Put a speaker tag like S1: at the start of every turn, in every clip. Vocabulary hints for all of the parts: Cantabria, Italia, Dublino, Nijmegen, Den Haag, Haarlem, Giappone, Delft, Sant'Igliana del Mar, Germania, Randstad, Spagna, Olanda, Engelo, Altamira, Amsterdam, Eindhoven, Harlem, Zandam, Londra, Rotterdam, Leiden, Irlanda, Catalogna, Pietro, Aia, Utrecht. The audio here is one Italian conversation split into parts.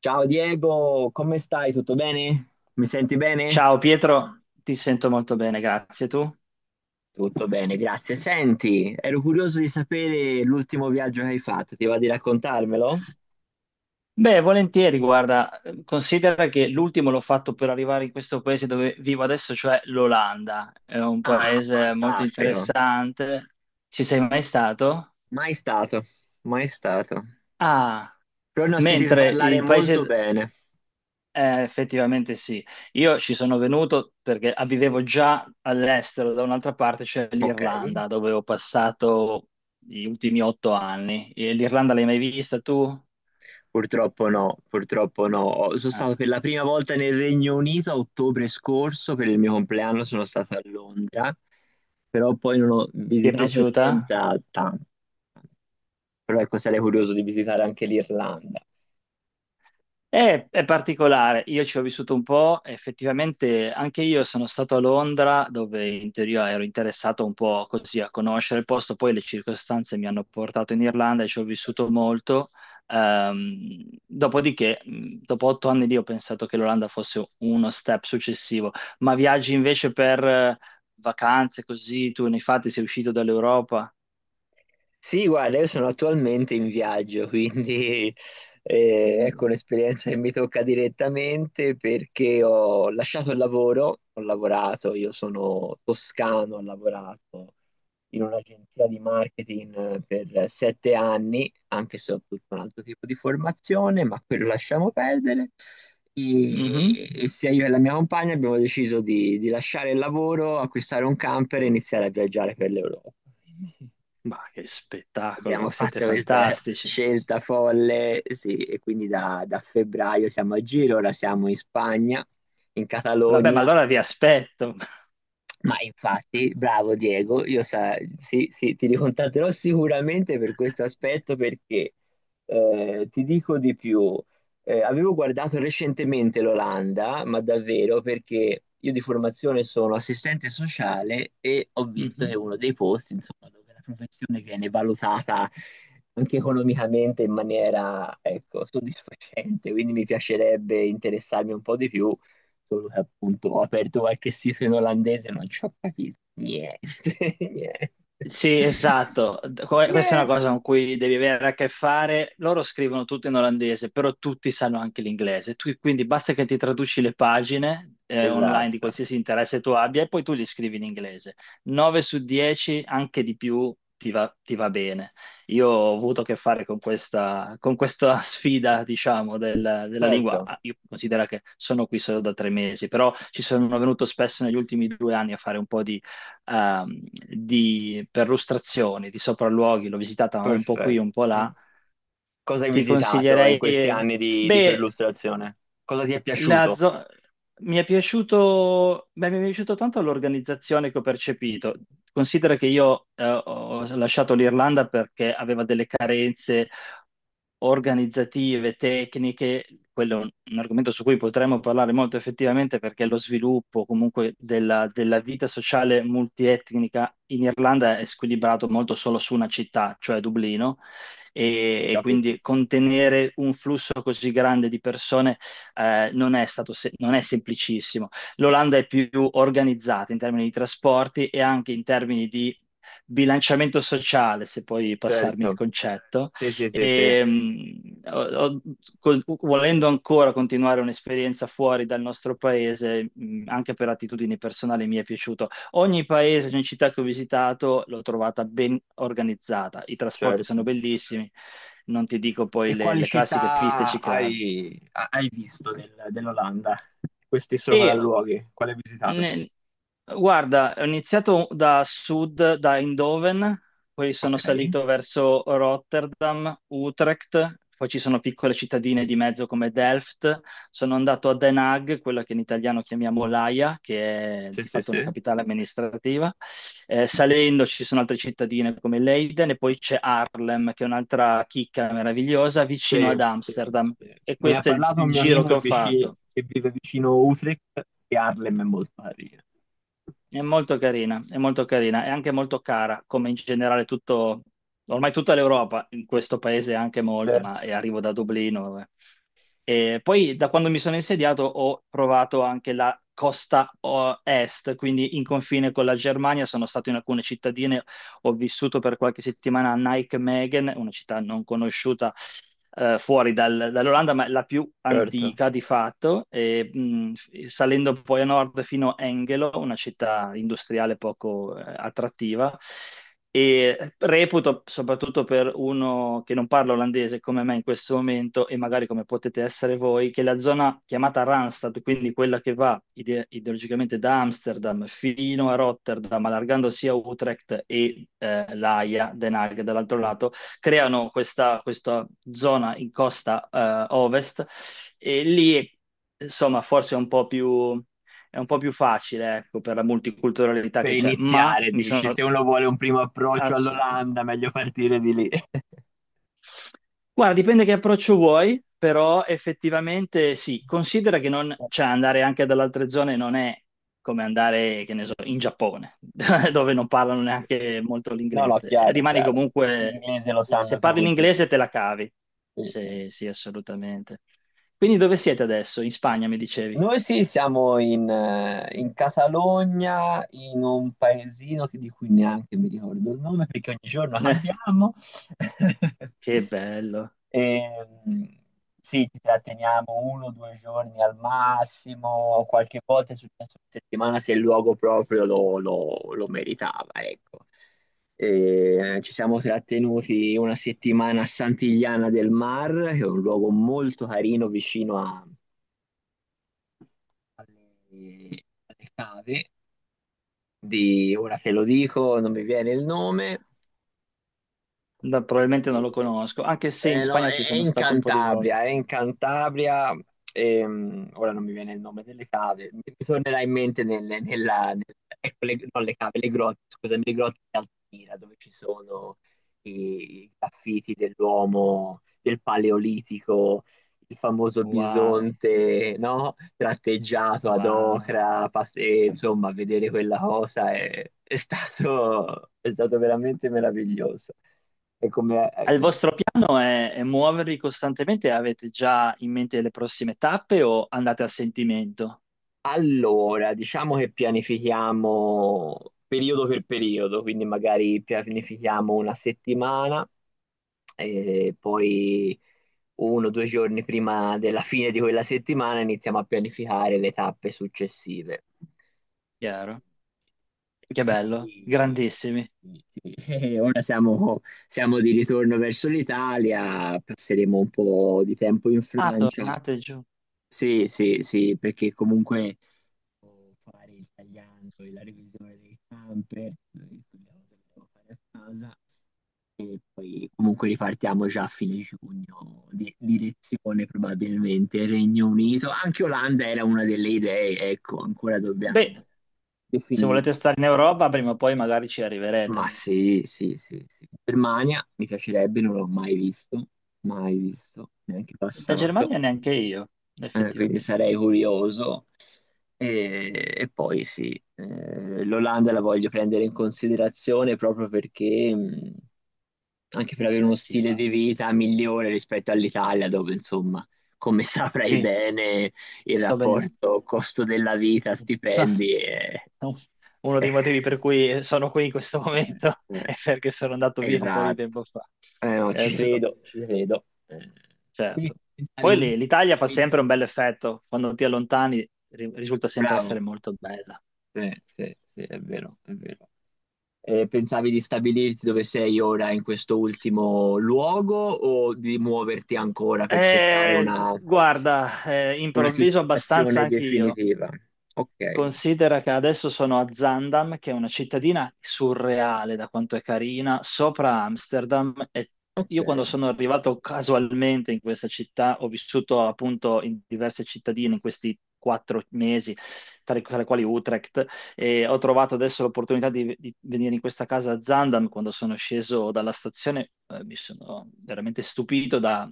S1: Ciao Diego, come stai? Tutto bene? Mi senti bene?
S2: Ciao Pietro, ti sento molto bene, grazie tu.
S1: Tutto bene, grazie. Senti, ero curioso di sapere l'ultimo viaggio che hai fatto, ti va di raccontarmelo?
S2: Beh, volentieri, guarda, considera che l'ultimo l'ho fatto per arrivare in questo paese dove vivo adesso, cioè l'Olanda. È un
S1: Ah,
S2: paese molto
S1: fantastico.
S2: interessante. Ci sei mai stato?
S1: Mai stato, mai stato.
S2: Ah,
S1: Però ne ho sentito
S2: mentre
S1: parlare
S2: il
S1: molto
S2: paese...
S1: bene.
S2: effettivamente sì. Io ci sono venuto perché vivevo già all'estero, da un'altra parte, cioè
S1: Ok.
S2: l'Irlanda, dove ho passato gli ultimi 8 anni. E l'Irlanda l'hai mai vista tu?
S1: Purtroppo no, purtroppo no. Sono stato per
S2: Eh.
S1: la prima volta nel Regno Unito a ottobre scorso, per il mio compleanno sono stato a Londra, però poi non ho
S2: Ti è
S1: visitato
S2: piaciuta?
S1: nient'altro. Però ecco, sarei curioso di visitare anche l'Irlanda.
S2: È particolare, io ci ho vissuto un po', effettivamente anche io sono stato a Londra dove in teoria ero interessato un po' così a conoscere il posto, poi le circostanze mi hanno portato in Irlanda e ci ho vissuto molto. Dopodiché, dopo 8 anni lì ho pensato che l'Olanda fosse uno step successivo, ma viaggi invece per vacanze così, tu ne hai fatti, sei uscito dall'Europa?
S1: Sì, guarda, io sono attualmente in viaggio, quindi ecco
S2: Mm.
S1: un'esperienza che mi tocca direttamente perché ho lasciato il lavoro, ho lavorato, io sono toscano, ho lavorato in un'agenzia di marketing per 7 anni, anche se ho tutto un altro tipo di formazione, ma quello lasciamo perdere.
S2: Mhm.
S1: E sia io e la mia compagna abbiamo deciso di lasciare il lavoro, acquistare un camper e iniziare a viaggiare per l'Europa.
S2: Ma che
S1: Abbiamo
S2: spettacolo, siete
S1: fatto questa
S2: fantastici.
S1: scelta folle, sì, e quindi da febbraio siamo a giro, ora siamo in Spagna, in
S2: Vabbè, ma
S1: Catalogna.
S2: allora vi aspetto.
S1: Ma infatti, bravo Diego, io sì, sì, ti ricontatterò sicuramente per questo aspetto perché ti dico di più. Avevo guardato recentemente l'Olanda, ma davvero perché io di formazione sono assistente sociale e ho visto che è
S2: Mhm.
S1: uno dei posti, insomma, dove la professione viene valutata anche economicamente in maniera, ecco, soddisfacente, quindi mi piacerebbe interessarmi un po' di più. Solo che appunto ho aperto qualche sito in olandese ma non ci ho capito niente, niente,
S2: Sì, esatto. Questa è una cosa
S1: niente.
S2: con cui devi avere a che fare. Loro scrivono tutto in olandese, però tutti sanno anche l'inglese. Quindi basta che ti traduci le pagine online di
S1: Esatto,
S2: qualsiasi interesse tu abbia e poi tu li scrivi in inglese. 9 su 10, anche di più, ti va bene. Io ho avuto a che fare con questa sfida, diciamo, della lingua.
S1: certo,
S2: Ah, io considero che sono qui solo da 3 mesi, però ci sono venuto spesso negli ultimi 2 anni a fare un po' di ehm, perlustrazioni, di sopralluoghi, l'ho visitata un po' qui,
S1: perfetto.
S2: un po'
S1: Eh.
S2: là.
S1: Cosa hai
S2: ti
S1: visitato in
S2: consiglierei...
S1: questi anni di
S2: Beh,
S1: perlustrazione? Cosa ti è
S2: la
S1: piaciuto?
S2: zo- mi è piaciuto, beh, mi è piaciuto tanto l'organizzazione che ho percepito. Considera che io ho lasciato l'Irlanda perché aveva delle carenze organizzative, tecniche. Quello è un argomento su cui potremmo parlare molto effettivamente perché lo sviluppo comunque della vita sociale multietnica in Irlanda è squilibrato molto solo su una città, cioè Dublino, e
S1: Capito?
S2: quindi contenere un flusso così grande di persone non è semplicissimo. L'Olanda è più organizzata in termini di trasporti e anche in termini di bilanciamento sociale, se puoi passarmi il
S1: Certo,
S2: concetto.
S1: sì, sì, sì, sì,
S2: E, ho- volendo ancora continuare un'esperienza fuori dal nostro paese, anche per attitudini personali mi è piaciuto. Ogni paese, ogni città che ho visitato l'ho trovata ben organizzata. I trasporti sono
S1: certo.
S2: bellissimi, non ti dico poi
S1: E
S2: le,
S1: quali
S2: le classiche piste
S1: città
S2: ciclabili.
S1: hai visto dell'Olanda? Questi
S2: E
S1: sopralluoghi, quali hai visitato?
S2: Ne- guarda, ho iniziato da sud, da Eindhoven, poi
S1: Ok,
S2: sono salito verso Rotterdam, Utrecht, poi ci sono piccole cittadine di mezzo come Delft, sono andato a Den Haag, quella che in italiano chiamiamo l'Aia, che è
S1: sì,
S2: di
S1: sì,
S2: fatto una
S1: sì.
S2: capitale amministrativa. Salendo ci sono altre cittadine come Leiden e poi c'è Haarlem, che è un'altra chicca meravigliosa vicino
S1: Sì,
S2: ad
S1: sì,
S2: Amsterdam.
S1: sì.
S2: E
S1: Me ne ha
S2: questo è il
S1: parlato un
S2: il
S1: mio
S2: giro
S1: amico
S2: che
S1: che,
S2: ho
S1: vici-
S2: fatto.
S1: che vive vicino Utrecht, e Harlem è molto carina.
S2: È molto carina, è molto carina, è anche molto cara, come in generale tutto, ormai tutta l'Europa, in questo paese anche molto, ma
S1: Certo,
S2: arrivo da Dublino, vabbè. E poi da quando mi sono insediato ho provato anche la costa est, quindi in confine con la Germania, sono stato in alcune cittadine, ho vissuto per qualche settimana a Nijmegen, una città non conosciuta fuori dall'Olanda, ma la più
S1: certo.
S2: antica di fatto, e, salendo poi a nord fino a Engelo, una città industriale poco attrattiva e reputo, soprattutto per uno che non parla olandese come me in questo momento e magari come potete essere voi, che la zona chiamata Randstad, quindi quella che va ideologicamente da Amsterdam fino a Rotterdam, allargando sia Utrecht e l'Aia, Den Haag dall'altro lato, creano questa, questa zona in costa ovest e lì, insomma, forse è un po' più facile, ecco, per la multiculturalità
S1: Per
S2: che c'è, ma
S1: iniziare,
S2: mi
S1: dici,
S2: sono
S1: se uno vuole un primo approccio
S2: assolutamente.
S1: all'Olanda, meglio partire di lì.
S2: Guarda, dipende che approccio vuoi, però effettivamente sì, considera che non, cioè andare anche dalle altre zone non è come andare, che ne so, in Giappone, dove non parlano neanche molto
S1: No, no,
S2: l'inglese.
S1: chiaro,
S2: Rimani
S1: chiaro.
S2: comunque,
S1: L'inglese lo
S2: se
S1: sanno
S2: parli
S1: tutti. Sì, sì.
S2: l'inglese te la cavi.
S1: Sì, sì.
S2: Sì, sì, assolutamente. Quindi dove siete adesso? In Spagna, mi dicevi?
S1: Noi sì, siamo in Catalogna, in un paesino di cui neanche mi ricordo il nome perché ogni giorno
S2: Eh,
S1: cambiamo.
S2: che bello.
S1: E, mm, sì, ci tratteniamo uno o due giorni al massimo, qualche volta è successo una settimana se il luogo proprio lo meritava, ecco. E, ci siamo trattenuti una settimana a Sant'Igliana del Mar, che è un luogo molto carino vicino alle cave di, ora te lo dico, non mi viene il nome,
S2: No, probabilmente non
S1: sì,
S2: lo
S1: sì.
S2: conosco, anche se in
S1: No,
S2: Spagna ci
S1: è
S2: sono
S1: in
S2: stato un po' di volte.
S1: Cantabria, è in Cantabria, ora non mi viene il nome delle cave, mi tornerà in mente ecco, le, non le cave, le grotte, scusami, le grotte di Altamira, dove ci sono i graffiti dell'uomo del Paleolitico, il famoso
S2: Wow,
S1: bisonte, no? Tratteggiato ad
S2: wow.
S1: ocra, e, insomma, vedere quella cosa è stato veramente meraviglioso. E come- eh,
S2: Il vostro piano è muovervi costantemente? Avete già in mente le prossime tappe o andate a sentimento?
S1: Allora, diciamo che pianifichiamo periodo per periodo, quindi magari pianifichiamo una settimana e poi uno o due giorni prima della fine di quella settimana iniziamo a pianificare le tappe successive.
S2: Chiaro.
S1: E
S2: Che bello,
S1: così,
S2: grandissimi.
S1: sì, sì. Ora siamo di ritorno verso l'Italia, passeremo un po' di tempo in
S2: Ah,
S1: Francia.
S2: tornate giù.
S1: Sì, sì, sì, perché comunque devo fare il tagliando e la revisione del camper, quelle cose che devo fare a casa, e poi comunque ripartiamo già a fine giugno, direzione probabilmente Regno Unito, anche Olanda era una delle idee, ecco, ancora
S2: Beh,
S1: dobbiamo
S2: se volete
S1: definirla.
S2: stare in Europa, prima o poi magari ci
S1: Ma
S2: arriverete.
S1: sì, sì, sì, sì. Germania mi piacerebbe, non l'ho mai visto, mai visto, neanche
S2: Da
S1: passato.
S2: Germania neanche io,
S1: Quindi
S2: effettivamente.
S1: sarei curioso. E poi sì, l'Olanda la voglio prendere in considerazione proprio perché, anche per avere
S2: Beh,
S1: uno
S2: sì,
S1: stile
S2: va.
S1: di vita migliore rispetto all'Italia, dove insomma, come saprai
S2: Sì,
S1: bene, il
S2: sto bene.
S1: rapporto costo della vita, stipendi è...
S2: Uno
S1: è-
S2: dei motivi per cui sono qui in questo
S1: eh,
S2: momento
S1: eh,
S2: è perché sono andato via un po' di
S1: Esatto.
S2: tempo fa.
S1: No,
S2: Eh,
S1: ci credo, ci credo. Eh,
S2: Certo.
S1: quindi pensavi
S2: Poi
S1: comunque
S2: l'Italia
S1: a
S2: fa sempre un
S1: venire.
S2: bel effetto, quando ti allontani risulta sempre
S1: Bravo.
S2: essere molto bella.
S1: Sì, sì, sì, è vero, è vero. E pensavi di stabilirti dove sei ora in questo ultimo luogo o di muoverti ancora per cercare una,
S2: Guarda,
S1: una
S2: improvviso abbastanza
S1: sistemazione
S2: anch'io.
S1: definitiva? Ok,
S2: Considera che adesso sono a Zandam, che è una cittadina surreale da quanto è carina, sopra Amsterdam. E
S1: ok.
S2: io quando sono arrivato casualmente in questa città, ho vissuto appunto in diverse cittadine in questi 4 mesi, tra le quali Utrecht, e ho trovato adesso l'opportunità di venire in questa casa a Zandam. Quando sono sceso dalla stazione, mi sono veramente stupito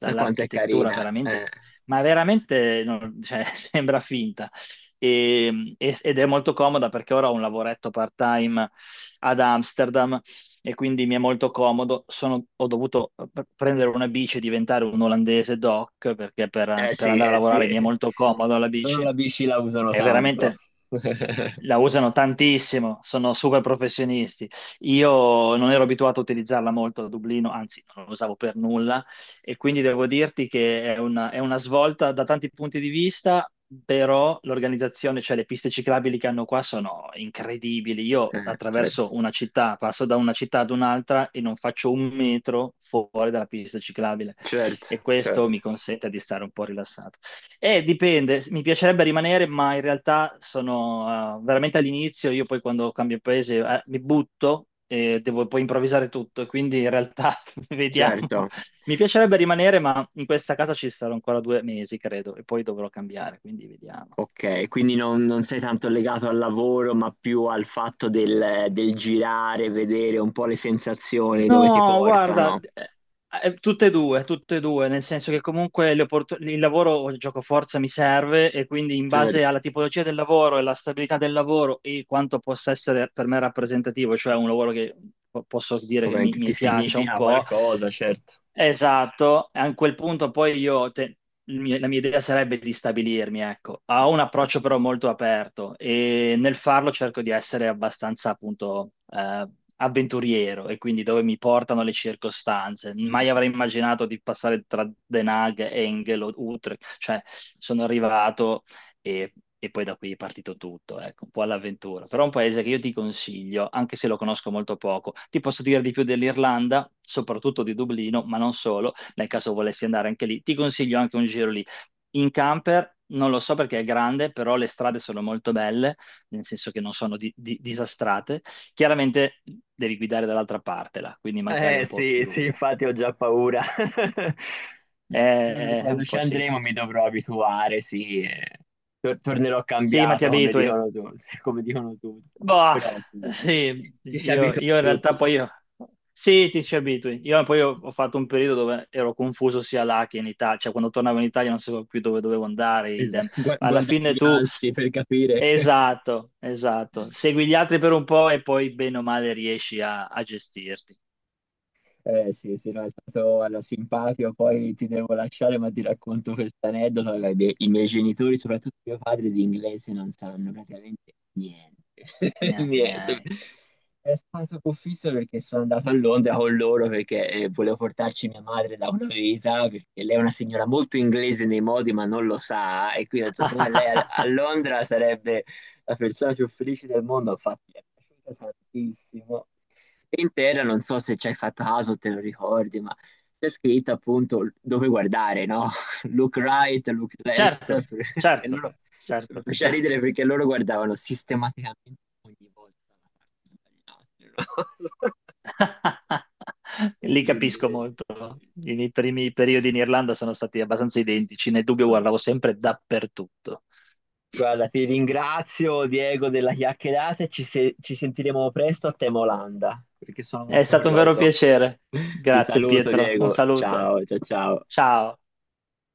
S1: Da quanto è carina?
S2: veramente, ma veramente no, cioè, sembra finta ed è molto comoda perché ora ho un lavoretto part-time ad Amsterdam e quindi mi è molto comodo. Ho dovuto prendere una bici e diventare un olandese doc perché per,
S1: Eh
S2: per
S1: sì,
S2: andare a
S1: eh sì.
S2: lavorare mi è molto comodo la
S1: Loro
S2: bici.
S1: la bici la usano
S2: È
S1: tanto.
S2: veramente la usano tantissimo, sono super professionisti. Io non ero abituato a utilizzarla molto a Dublino, anzi non la usavo per nulla e quindi devo dirti che è una svolta da tanti punti di vista, però l'organizzazione, cioè le piste ciclabili che hanno qua sono incredibili. Io
S1: Certo,
S2: attraverso una città, passo da una città ad un'altra e non faccio un metro fuori dalla pista ciclabile
S1: certo,
S2: e questo
S1: certo,
S2: mi consente di stare un po' rilassato. Dipende, mi piacerebbe rimanere, ma in realtà sono veramente all'inizio, io poi quando cambio paese mi butto e devo poi improvvisare tutto, e quindi in realtà vediamo.
S1: certo.
S2: Mi piacerebbe rimanere, ma in questa casa ci sarò ancora 2 mesi, credo, e poi dovrò cambiare, quindi vediamo.
S1: Ok, quindi non sei tanto legato al lavoro, ma più al fatto del girare, vedere un po' le sensazioni dove ti
S2: No, guarda,
S1: portano.
S2: tutte e due, nel senso che comunque il lavoro o il gioco forza mi serve e quindi in base
S1: Certo,
S2: alla tipologia del lavoro e alla stabilità del lavoro e quanto possa essere per me rappresentativo, cioè un lavoro che posso dire che mi,
S1: ovviamente ti
S2: mi piaccia un
S1: significa
S2: po'.
S1: qualcosa, certo.
S2: Esatto, a quel punto poi io, te- il mio- la mia idea sarebbe di stabilirmi, ecco, ho un approccio però molto aperto e nel farlo cerco di essere abbastanza appunto avventuriero e quindi dove mi portano le circostanze. Mai avrei immaginato di passare tra Den Haag, Engel o Utrecht, cioè sono arrivato e, e poi da qui è partito tutto, ecco, un po' all'avventura. Però è un paese che io ti consiglio, anche se lo conosco molto poco. Ti posso dire di più dell'Irlanda, soprattutto di Dublino, ma non solo, nel caso volessi andare anche lì. Ti consiglio anche un giro lì. In camper, non lo so perché è grande, però le strade sono molto belle, nel senso che non sono disastrate. Chiaramente devi guidare dall'altra parte là, quindi magari
S1: Eh
S2: un po'
S1: sì, sì,
S2: più.
S1: infatti ho già paura. Però per quando
S2: Un
S1: ci
S2: po' sì.
S1: andremo mi dovrò abituare, sì. Tornerò
S2: Sì, ma ti
S1: cambiato, come
S2: abitui.
S1: dicono tu, sì, come dicono tutti.
S2: Boh,
S1: Però sì, ci
S2: sì,
S1: ci si
S2: io,
S1: abitua a
S2: io in realtà
S1: tutto. Sì.
S2: poi io, sì, ti ci abitui. Io poi ho fatto un periodo dove ero confuso sia là che in Italia, cioè quando tornavo in Italia non sapevo più dove dovevo andare, idem.
S1: Esatto,
S2: Ma alla
S1: guardare
S2: fine
S1: gli
S2: tu,
S1: altri per capire.
S2: esatto, esatto, segui gli altri per un po' e poi bene o male riesci a gestirti.
S1: Eh sì, sì, no, è stato allora, simpatico, poi ti devo lasciare, ma ti racconto questa aneddota. Allora, i miei genitori, soprattutto mio padre, di inglese non sanno praticamente niente.
S2: Neanche i
S1: Niente. Cioè.
S2: miei.
S1: È stato confisso perché sono andato a Londra con loro perché volevo portarci mia madre da una vita, perché lei è una signora molto inglese nei modi, ma non lo sa, e quindi ho detto, secondo me lei a Londra sarebbe la persona più felice del mondo, infatti mi è piaciuta tantissimo intera, non so se ci hai fatto caso, te lo ricordi, ma c'è scritto appunto dove guardare, no? Look right, look left,
S2: Certo,
S1: e
S2: certo,
S1: loro mi
S2: certo.
S1: faceva ridere perché loro guardavano sistematicamente ogni volta la parte sbagliata. No? E
S2: Li
S1: quindi,
S2: capisco molto.
S1: sì, sì.
S2: I miei primi periodi in Irlanda sono stati abbastanza identici, nel dubbio
S1: Vabbè.
S2: guardavo sempre dappertutto.
S1: Guarda, ti ringrazio Diego della chiacchierata e ci, se- ci sentiremo presto a tema Olanda, perché sono
S2: È
S1: molto
S2: stato un vero
S1: curioso.
S2: piacere.
S1: Ti
S2: Grazie
S1: saluto
S2: Pietro, un
S1: Diego,
S2: saluto.
S1: ciao ciao ciao.
S2: Ciao.